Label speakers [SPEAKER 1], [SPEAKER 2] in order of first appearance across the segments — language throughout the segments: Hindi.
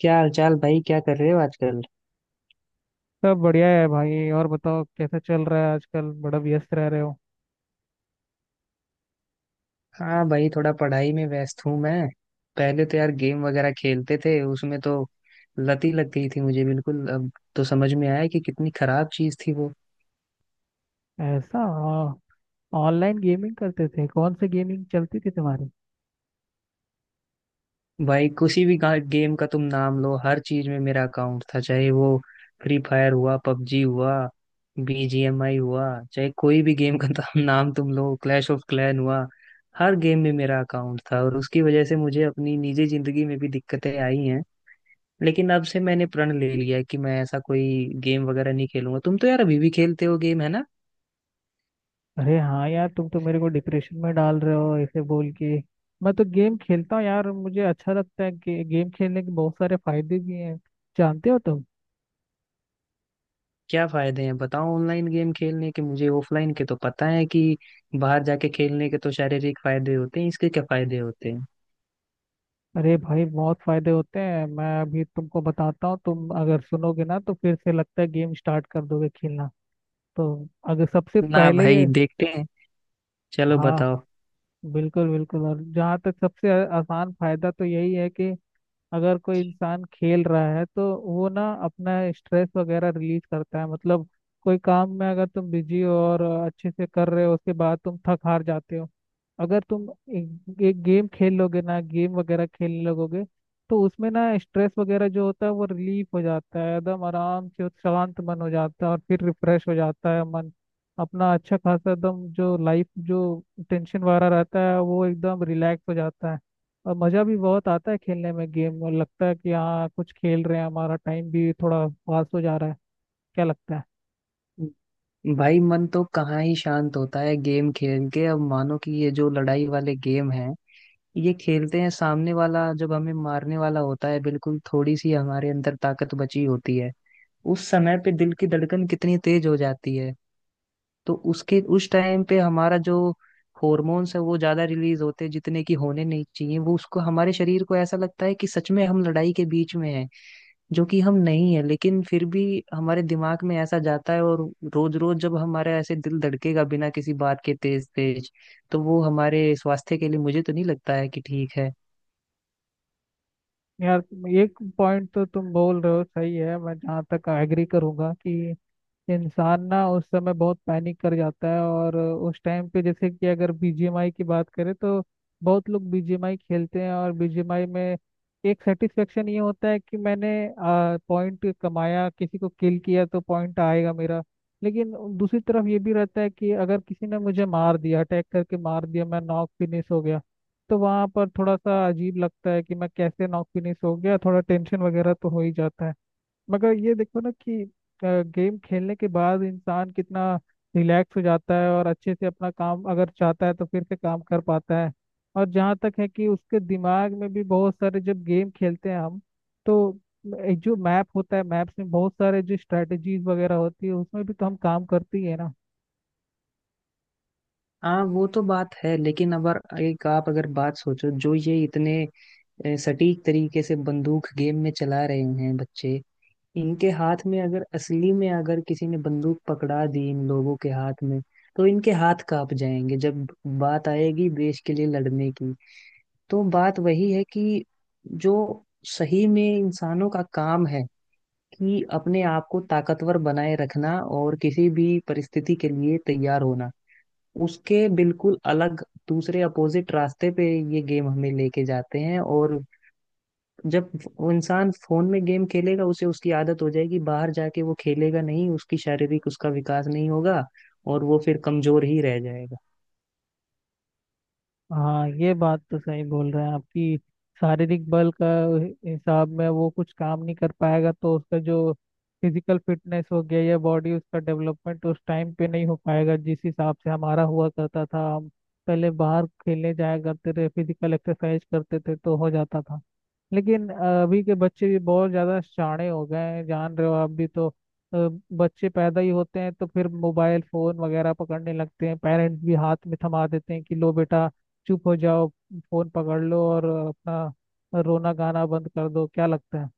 [SPEAKER 1] क्या हाल चाल भाई, क्या कर रहे हो आजकल।
[SPEAKER 2] सब बढ़िया है भाई। और बताओ कैसा चल रहा है आजकल, बड़ा व्यस्त रह रहे हो?
[SPEAKER 1] हाँ भाई, थोड़ा पढ़ाई में व्यस्त हूँ मैं। पहले तो यार गेम वगैरह खेलते थे, उसमें तो लत ही लग गई थी मुझे बिल्कुल। अब तो समझ में आया कि कितनी खराब चीज थी वो।
[SPEAKER 2] ऐसा? ऑनलाइन गेमिंग करते थे? कौन सी गेमिंग चलती थी तुम्हारी?
[SPEAKER 1] भाई, किसी भी गेम का तुम नाम लो, हर चीज में मेरा अकाउंट था, चाहे वो फ्री फायर हुआ, पबजी हुआ, बीजीएमआई हुआ। चाहे कोई भी गेम का नाम तुम लो, क्लैश ऑफ क्लैन हुआ। हर गेम में मेरा अकाउंट था और उसकी वजह से मुझे अपनी निजी जिंदगी में भी दिक्कतें आई हैं। लेकिन अब से मैंने प्रण ले लिया है कि मैं ऐसा कोई गेम वगैरह नहीं खेलूंगा। तुम तो यार अभी भी खेलते हो गेम, है ना।
[SPEAKER 2] अरे हाँ यार, तुम तो मेरे को डिप्रेशन में डाल रहे हो ऐसे बोल के। मैं तो गेम खेलता हूँ यार, मुझे अच्छा लगता है कि गेम खेलने के बहुत सारे फायदे भी हैं। जानते हो तुम?
[SPEAKER 1] क्या फायदे हैं बताओ ऑनलाइन गेम खेलने के। मुझे ऑफलाइन के तो पता है कि बाहर जाके खेलने के तो शारीरिक फायदे होते हैं, इसके क्या फायदे होते हैं।
[SPEAKER 2] अरे भाई, बहुत फायदे होते हैं। मैं अभी तुमको बताता हूँ, तुम अगर सुनोगे ना तो फिर से लगता है गेम स्टार्ट कर दोगे खेलना। तो अगर सबसे
[SPEAKER 1] ना
[SPEAKER 2] पहले,
[SPEAKER 1] भाई, देखते हैं। चलो
[SPEAKER 2] हाँ,
[SPEAKER 1] बताओ।
[SPEAKER 2] बिल्कुल बिल्कुल। और जहाँ तक सबसे आसान फायदा तो यही है कि अगर कोई इंसान खेल रहा है तो वो ना अपना स्ट्रेस वगैरह रिलीज करता है। मतलब कोई काम में अगर तुम बिजी हो और अच्छे से कर रहे हो, उसके बाद तुम थक हार जाते हो। अगर तुम एक गेम खेल लोगे ना, गेम वगैरह खेलने लगोगे, तो उसमें ना स्ट्रेस वगैरह जो होता है वो रिलीफ हो जाता है, एकदम आराम से, और शांत मन हो जाता है और फिर रिफ्रेश हो जाता है मन। अपना अच्छा खासा एकदम जो लाइफ जो टेंशन वगैरह रहता है वो एकदम रिलैक्स हो जाता है। और मज़ा भी बहुत आता है खेलने में गेम, और लगता है कि हाँ कुछ खेल रहे हैं, हमारा टाइम भी थोड़ा पास हो जा रहा है। क्या लगता है?
[SPEAKER 1] भाई मन तो कहाँ ही शांत होता है गेम खेल के। अब मानो कि ये जो लड़ाई वाले गेम हैं ये खेलते हैं, सामने वाला जब हमें मारने वाला होता है, बिल्कुल थोड़ी सी हमारे अंदर ताकत बची होती है, उस समय पे दिल की धड़कन कितनी तेज हो जाती है। तो उसके उस टाइम पे हमारा जो हॉर्मोन्स है वो ज्यादा रिलीज होते हैं जितने की होने नहीं चाहिए। वो उसको हमारे शरीर को ऐसा लगता है कि सच में हम लड़ाई के बीच में हैं, जो कि हम नहीं है, लेकिन फिर भी हमारे दिमाग में ऐसा जाता है। और रोज रोज जब हमारा ऐसे दिल धड़केगा बिना किसी बात के तेज तेज, तो वो हमारे स्वास्थ्य के लिए मुझे तो नहीं लगता है कि ठीक है।
[SPEAKER 2] यार एक पॉइंट तो तुम बोल रहे हो सही है, मैं जहाँ तक एग्री करूंगा कि इंसान ना उस समय बहुत पैनिक कर जाता है। और उस टाइम पे, जैसे कि अगर बीजीएमआई की बात करें तो बहुत लोग बीजीएमआई खेलते हैं, और बीजीएमआई में एक सेटिस्फेक्शन ये होता है कि मैंने पॉइंट कमाया, किसी को किल किया तो पॉइंट आएगा मेरा। लेकिन दूसरी तरफ ये भी रहता है कि अगर किसी ने मुझे मार दिया, अटैक करके मार दिया, मैं नॉक फिनिश हो गया, तो वहाँ पर थोड़ा सा अजीब लगता है कि मैं कैसे नॉक फिनिश हो गया। थोड़ा टेंशन वगैरह तो हो ही जाता है। मगर ये देखो ना कि गेम खेलने के बाद इंसान कितना रिलैक्स हो जाता है और अच्छे से अपना काम अगर चाहता है तो फिर से काम कर पाता है। और जहाँ तक है कि उसके दिमाग में भी बहुत सारे जब गेम खेलते हैं हम, तो एक जो मैप होता है, मैप्स में बहुत सारे जो स्ट्रेटजीज वगैरह होती है उसमें भी तो हम काम करती है ना।
[SPEAKER 1] हाँ वो तो बात है, लेकिन अगर एक आप अगर बात सोचो, जो ये इतने सटीक तरीके से बंदूक गेम में चला रहे हैं बच्चे, इनके हाथ में अगर असली में अगर किसी ने बंदूक पकड़ा दी इन लोगों के हाथ में, तो इनके हाथ कांप जाएंगे जब बात आएगी देश के लिए लड़ने की। तो बात वही है कि जो सही में इंसानों का काम है कि अपने आप को ताकतवर बनाए रखना और किसी भी परिस्थिति के लिए तैयार होना, उसके बिल्कुल अलग दूसरे अपोजिट रास्ते पे ये गेम हमें लेके जाते हैं। और जब वो इंसान फोन में गेम खेलेगा उसे उसकी आदत हो जाएगी, बाहर जाके वो खेलेगा नहीं, उसकी शारीरिक उसका विकास नहीं होगा और वो फिर कमजोर ही रह जाएगा।
[SPEAKER 2] हाँ, ये बात तो सही बोल रहे हैं आपकी। शारीरिक बल का हिसाब में वो कुछ काम नहीं कर पाएगा, तो उसका जो फिजिकल फिटनेस हो गया या बॉडी, उसका डेवलपमेंट उस टाइम पे नहीं हो पाएगा जिस हिसाब से हमारा हुआ करता था। हम पहले बाहर खेलने जाया करते थे, फिजिकल एक्सरसाइज करते थे तो हो जाता था। लेकिन अभी के बच्चे भी बहुत ज्यादा शाणे हो गए हैं, जान रहे हो आप भी तो। अ, बच्चे पैदा ही होते हैं तो फिर मोबाइल फोन वगैरह पकड़ने लगते हैं। पेरेंट्स भी हाथ में थमा देते हैं कि लो बेटा, चुप हो जाओ, फोन पकड़ लो और अपना रोना गाना बंद कर दो। क्या लगता है?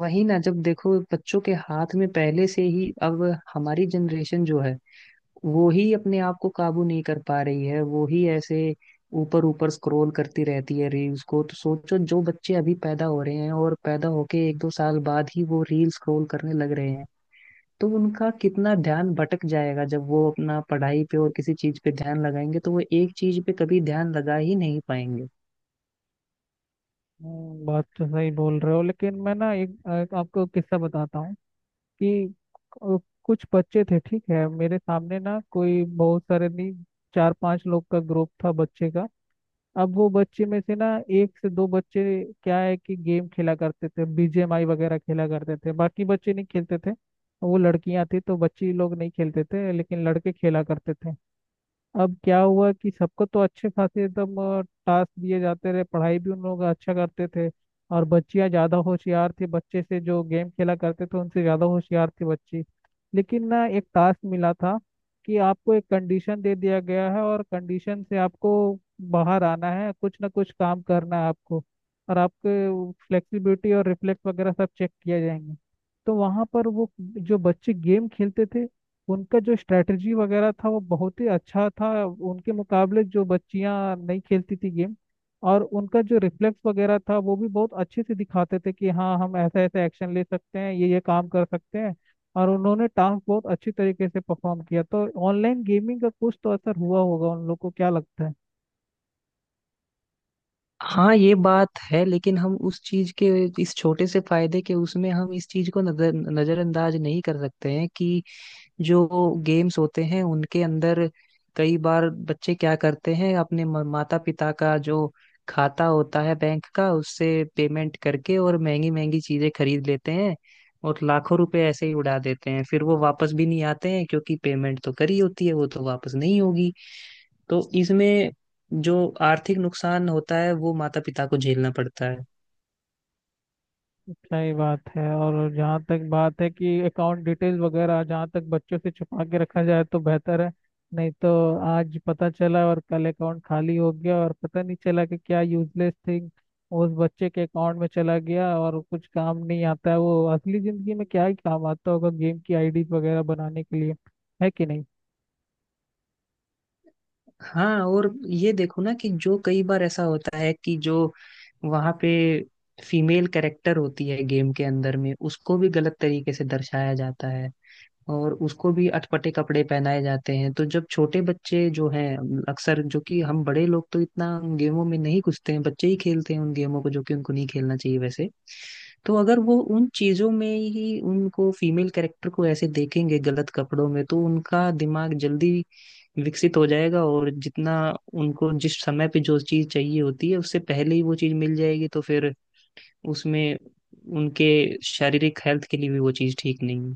[SPEAKER 1] वही ना, जब देखो बच्चों के हाथ में पहले से ही अब, हमारी जनरेशन जो है वो ही अपने आप को काबू नहीं कर पा रही है, वो ही ऐसे ऊपर ऊपर स्क्रॉल करती रहती है रील्स को, तो सोचो जो बच्चे अभी पैदा हो रहे हैं और पैदा होके एक दो साल बाद ही वो रील स्क्रॉल करने लग रहे हैं, तो उनका कितना ध्यान भटक जाएगा। जब वो अपना पढ़ाई पे और किसी चीज पे ध्यान लगाएंगे तो वो एक चीज पे कभी ध्यान लगा ही नहीं पाएंगे।
[SPEAKER 2] बात तो सही बोल रहे हो। लेकिन मैं ना एक एक आपको किस्सा बताता हूँ कि अ, कुछ बच्चे थे, ठीक है? मेरे सामने ना, कोई बहुत सारे नहीं, चार पांच लोग का ग्रुप था बच्चे का। अब वो बच्चे में से ना, एक से दो बच्चे, क्या है कि गेम खेला करते थे, बीजीएमआई वगैरह खेला करते थे, बाकी बच्चे नहीं खेलते थे। वो लड़कियां थी तो बच्ची लोग नहीं खेलते थे, लेकिन लड़के खेला करते थे। अब क्या हुआ कि सबको तो अच्छे खासे एकदम टास्क दिए जाते रहे, पढ़ाई भी उन लोग अच्छा करते थे। और बच्चियां ज़्यादा होशियार थी बच्चे से, जो गेम खेला करते थे उनसे ज़्यादा होशियार थी बच्ची। लेकिन ना, एक टास्क मिला था कि आपको एक कंडीशन दे दिया गया है, और कंडीशन से आपको बाहर आना है, कुछ ना कुछ काम करना है आपको, और आपके फ्लेक्सिबिलिटी और रिफ्लेक्स वगैरह सब चेक किया जाएंगे। तो वहाँ पर वो जो बच्चे गेम खेलते थे, उनका जो स्ट्रेटजी वगैरह था वो बहुत ही अच्छा था उनके मुकाबले जो बच्चियां नहीं खेलती थी गेम। और उनका जो रिफ्लेक्स वगैरह था वो भी बहुत अच्छे से दिखाते थे कि हाँ, हम ऐसा ऐसा एक्शन ले सकते हैं, ये काम कर सकते हैं। और उन्होंने टास्क बहुत अच्छी तरीके से परफॉर्म किया। तो ऑनलाइन गेमिंग का कुछ तो असर हुआ होगा उन लोग को, क्या लगता है?
[SPEAKER 1] हाँ ये बात है, लेकिन हम उस चीज के, इस छोटे से फायदे के उसमें हम इस चीज को नजरअंदाज नहीं कर सकते हैं कि जो गेम्स होते हैं उनके अंदर कई बार बच्चे क्या करते हैं, अपने माता पिता का जो खाता होता है बैंक का, उससे पेमेंट करके और महंगी महंगी चीजें खरीद लेते हैं और लाखों रुपए ऐसे ही उड़ा देते हैं। फिर वो वापस भी नहीं आते हैं क्योंकि पेमेंट तो करी होती है, वो तो वापस नहीं होगी। तो इसमें जो आर्थिक नुकसान होता है वो माता पिता को झेलना पड़ता है।
[SPEAKER 2] सही बात है। और जहाँ तक बात है कि अकाउंट डिटेल वगैरह जहाँ तक बच्चों से छुपा के रखा जाए तो बेहतर है। नहीं तो आज पता चला और कल अकाउंट खाली हो गया और पता नहीं चला कि क्या यूजलेस थिंग उस बच्चे के अकाउंट में चला गया। और कुछ काम नहीं आता है वो असली जिंदगी में, क्या ही काम आता होगा गेम की आईडी वगैरह बनाने के लिए, है कि नहीं?
[SPEAKER 1] हाँ और ये देखो ना, कि जो कई बार ऐसा होता है कि जो वहां पे फीमेल कैरेक्टर होती है गेम के अंदर में, उसको भी गलत तरीके से दर्शाया जाता है और उसको भी अटपटे कपड़े पहनाए जाते हैं। तो जब छोटे बच्चे जो हैं, अक्सर जो कि हम बड़े लोग तो इतना उन गेमों में नहीं घुसते हैं, बच्चे ही खेलते हैं उन गेमों को जो कि उनको नहीं खेलना चाहिए वैसे, तो अगर वो उन चीजों में ही उनको फीमेल कैरेक्टर को ऐसे देखेंगे गलत कपड़ों में, तो उनका दिमाग जल्दी विकसित हो जाएगा और जितना उनको जिस समय पे जो चीज चाहिए होती है उससे पहले ही वो चीज मिल जाएगी, तो फिर उसमें उनके शारीरिक हेल्थ के लिए भी वो चीज ठीक नहीं है।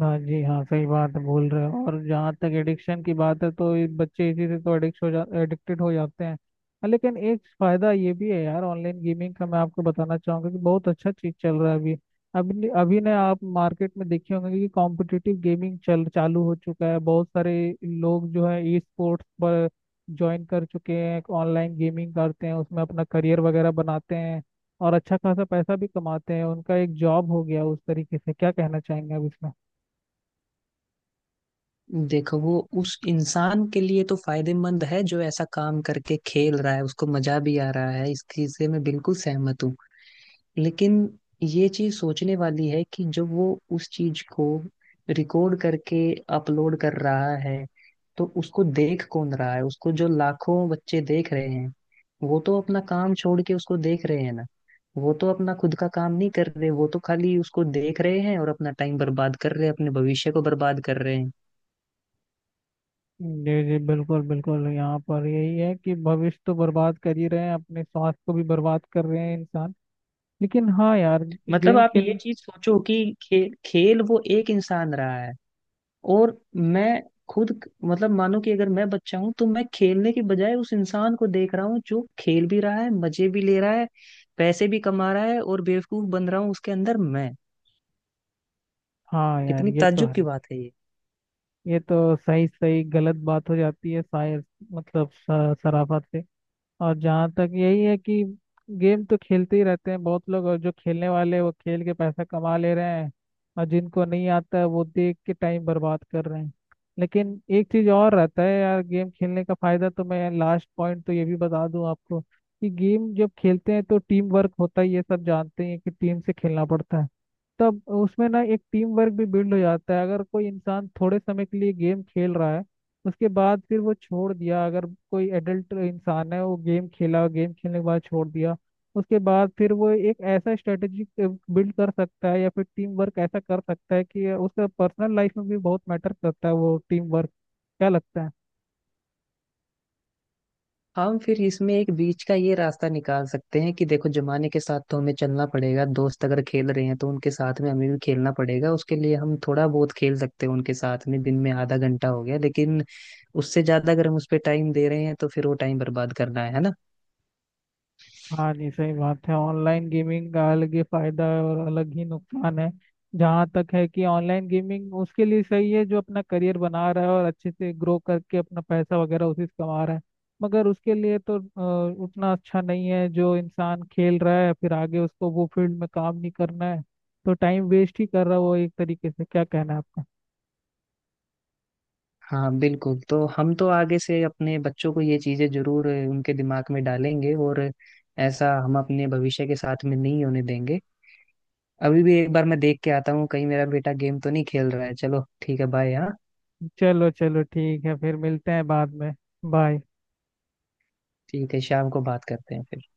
[SPEAKER 2] हाँ जी, हाँ सही बात है बोल रहे हो। और जहाँ तक एडिक्शन की बात है तो ये बच्चे इसी से तो एडिक्टेड हो जाते हैं, हाँ। लेकिन एक फायदा ये भी है यार ऑनलाइन गेमिंग का, मैं आपको बताना चाहूंगा कि बहुत अच्छा चीज चल रहा है अभी। अभी ने आप मार्केट में देखे होंगे कि कॉम्पिटिटिव गेमिंग चल चालू हो चुका है। बहुत सारे लोग जो है ई स्पोर्ट्स पर ज्वाइन कर चुके हैं, ऑनलाइन गेमिंग करते हैं, उसमें अपना करियर वगैरह बनाते हैं और अच्छा खासा पैसा भी कमाते हैं। उनका एक जॉब हो गया उस तरीके से। क्या कहना चाहेंगे आप इसमें?
[SPEAKER 1] देखो वो उस इंसान के लिए तो फायदेमंद है जो ऐसा काम करके खेल रहा है, उसको मजा भी आ रहा है, इस चीज से मैं बिल्कुल सहमत हूँ। लेकिन ये चीज सोचने वाली है कि जब वो उस चीज को रिकॉर्ड करके अपलोड कर रहा है, तो उसको देख कौन रहा है? उसको जो लाखों बच्चे देख रहे हैं वो तो अपना काम छोड़ के उसको देख रहे हैं ना। वो तो अपना खुद का काम नहीं कर रहे, वो तो खाली उसको देख रहे हैं और अपना टाइम बर्बाद कर रहे हैं, अपने भविष्य को बर्बाद कर रहे हैं।
[SPEAKER 2] जी जी, बिल्कुल बिल्कुल, यहाँ पर यही है कि भविष्य तो बर्बाद कर ही रहे हैं, अपने स्वास्थ्य को भी बर्बाद कर रहे हैं इंसान। लेकिन हाँ यार,
[SPEAKER 1] मतलब
[SPEAKER 2] गेम
[SPEAKER 1] आप ये
[SPEAKER 2] खेल
[SPEAKER 1] चीज सोचो कि खेल वो एक इंसान रहा है, और मैं खुद मतलब, मानो कि अगर मैं बच्चा हूं तो मैं खेलने के बजाय उस इंसान को देख रहा हूँ जो खेल भी रहा है, मजे भी ले रहा है, पैसे भी कमा रहा है, और बेवकूफ बन रहा हूँ उसके अंदर मैं।
[SPEAKER 2] हाँ यार
[SPEAKER 1] कितनी
[SPEAKER 2] ये तो
[SPEAKER 1] ताज्जुब
[SPEAKER 2] है।
[SPEAKER 1] की बात है ये।
[SPEAKER 2] ये तो सही सही गलत बात हो जाती है शायद, मतलब सराफत से। और जहाँ तक यही है कि गेम तो खेलते ही रहते हैं बहुत लोग, और जो खेलने वाले हैं, वो खेल के पैसा कमा ले रहे हैं, और जिनको नहीं आता है वो देख के टाइम बर्बाद कर रहे हैं। लेकिन एक चीज़ और रहता है यार गेम खेलने का फायदा, तो मैं लास्ट पॉइंट तो ये भी बता दूं आपको कि गेम जब खेलते हैं तो टीम वर्क होता है, ये सब जानते हैं कि टीम से खेलना पड़ता है। तब उसमें ना एक टीम वर्क भी बिल्ड हो जाता है। अगर कोई इंसान थोड़े समय के लिए गेम खेल रहा है, उसके बाद फिर वो छोड़ दिया, अगर कोई एडल्ट इंसान है, वो गेम खेला, गेम खेलने के बाद छोड़ दिया, उसके बाद फिर वो एक ऐसा स्ट्रेटेजी बिल्ड कर सकता है या फिर टीम वर्क ऐसा कर सकता है कि उसका पर्सनल लाइफ में भी बहुत मैटर करता है वो टीम वर्क। क्या लगता है?
[SPEAKER 1] हम फिर इसमें एक बीच का ये रास्ता निकाल सकते हैं कि देखो जमाने के साथ तो हमें चलना पड़ेगा, दोस्त अगर खेल रहे हैं तो उनके साथ में हमें भी खेलना पड़ेगा, उसके लिए हम थोड़ा बहुत खेल सकते हैं उनके साथ में, दिन में आधा घंटा हो गया, लेकिन उससे ज्यादा अगर हम उस पर टाइम दे रहे हैं तो फिर वो टाइम बर्बाद करना है ना।
[SPEAKER 2] हाँ जी, सही बात है। ऑनलाइन गेमिंग का अलग ही फायदा है और अलग ही नुकसान है। जहाँ तक है कि ऑनलाइन गेमिंग उसके लिए सही है जो अपना करियर बना रहा है और अच्छे से ग्रो करके अपना पैसा वगैरह उसी से कमा रहा है। मगर उसके लिए तो उतना अच्छा नहीं है जो इंसान खेल रहा है फिर आगे उसको वो फील्ड में काम नहीं करना है, तो टाइम वेस्ट ही कर रहा है वो एक तरीके से। क्या कहना है आपका?
[SPEAKER 1] हाँ बिल्कुल, तो हम तो आगे से अपने बच्चों को ये चीजें जरूर उनके दिमाग में डालेंगे और ऐसा हम अपने भविष्य के साथ में नहीं होने देंगे। अभी भी एक बार मैं देख के आता हूँ कहीं मेरा बेटा गेम तो नहीं खेल रहा है। चलो ठीक है, बाय। हाँ,
[SPEAKER 2] चलो चलो ठीक है, फिर मिलते हैं बाद में। बाय।
[SPEAKER 1] ठीक है, शाम को बात करते हैं फिर।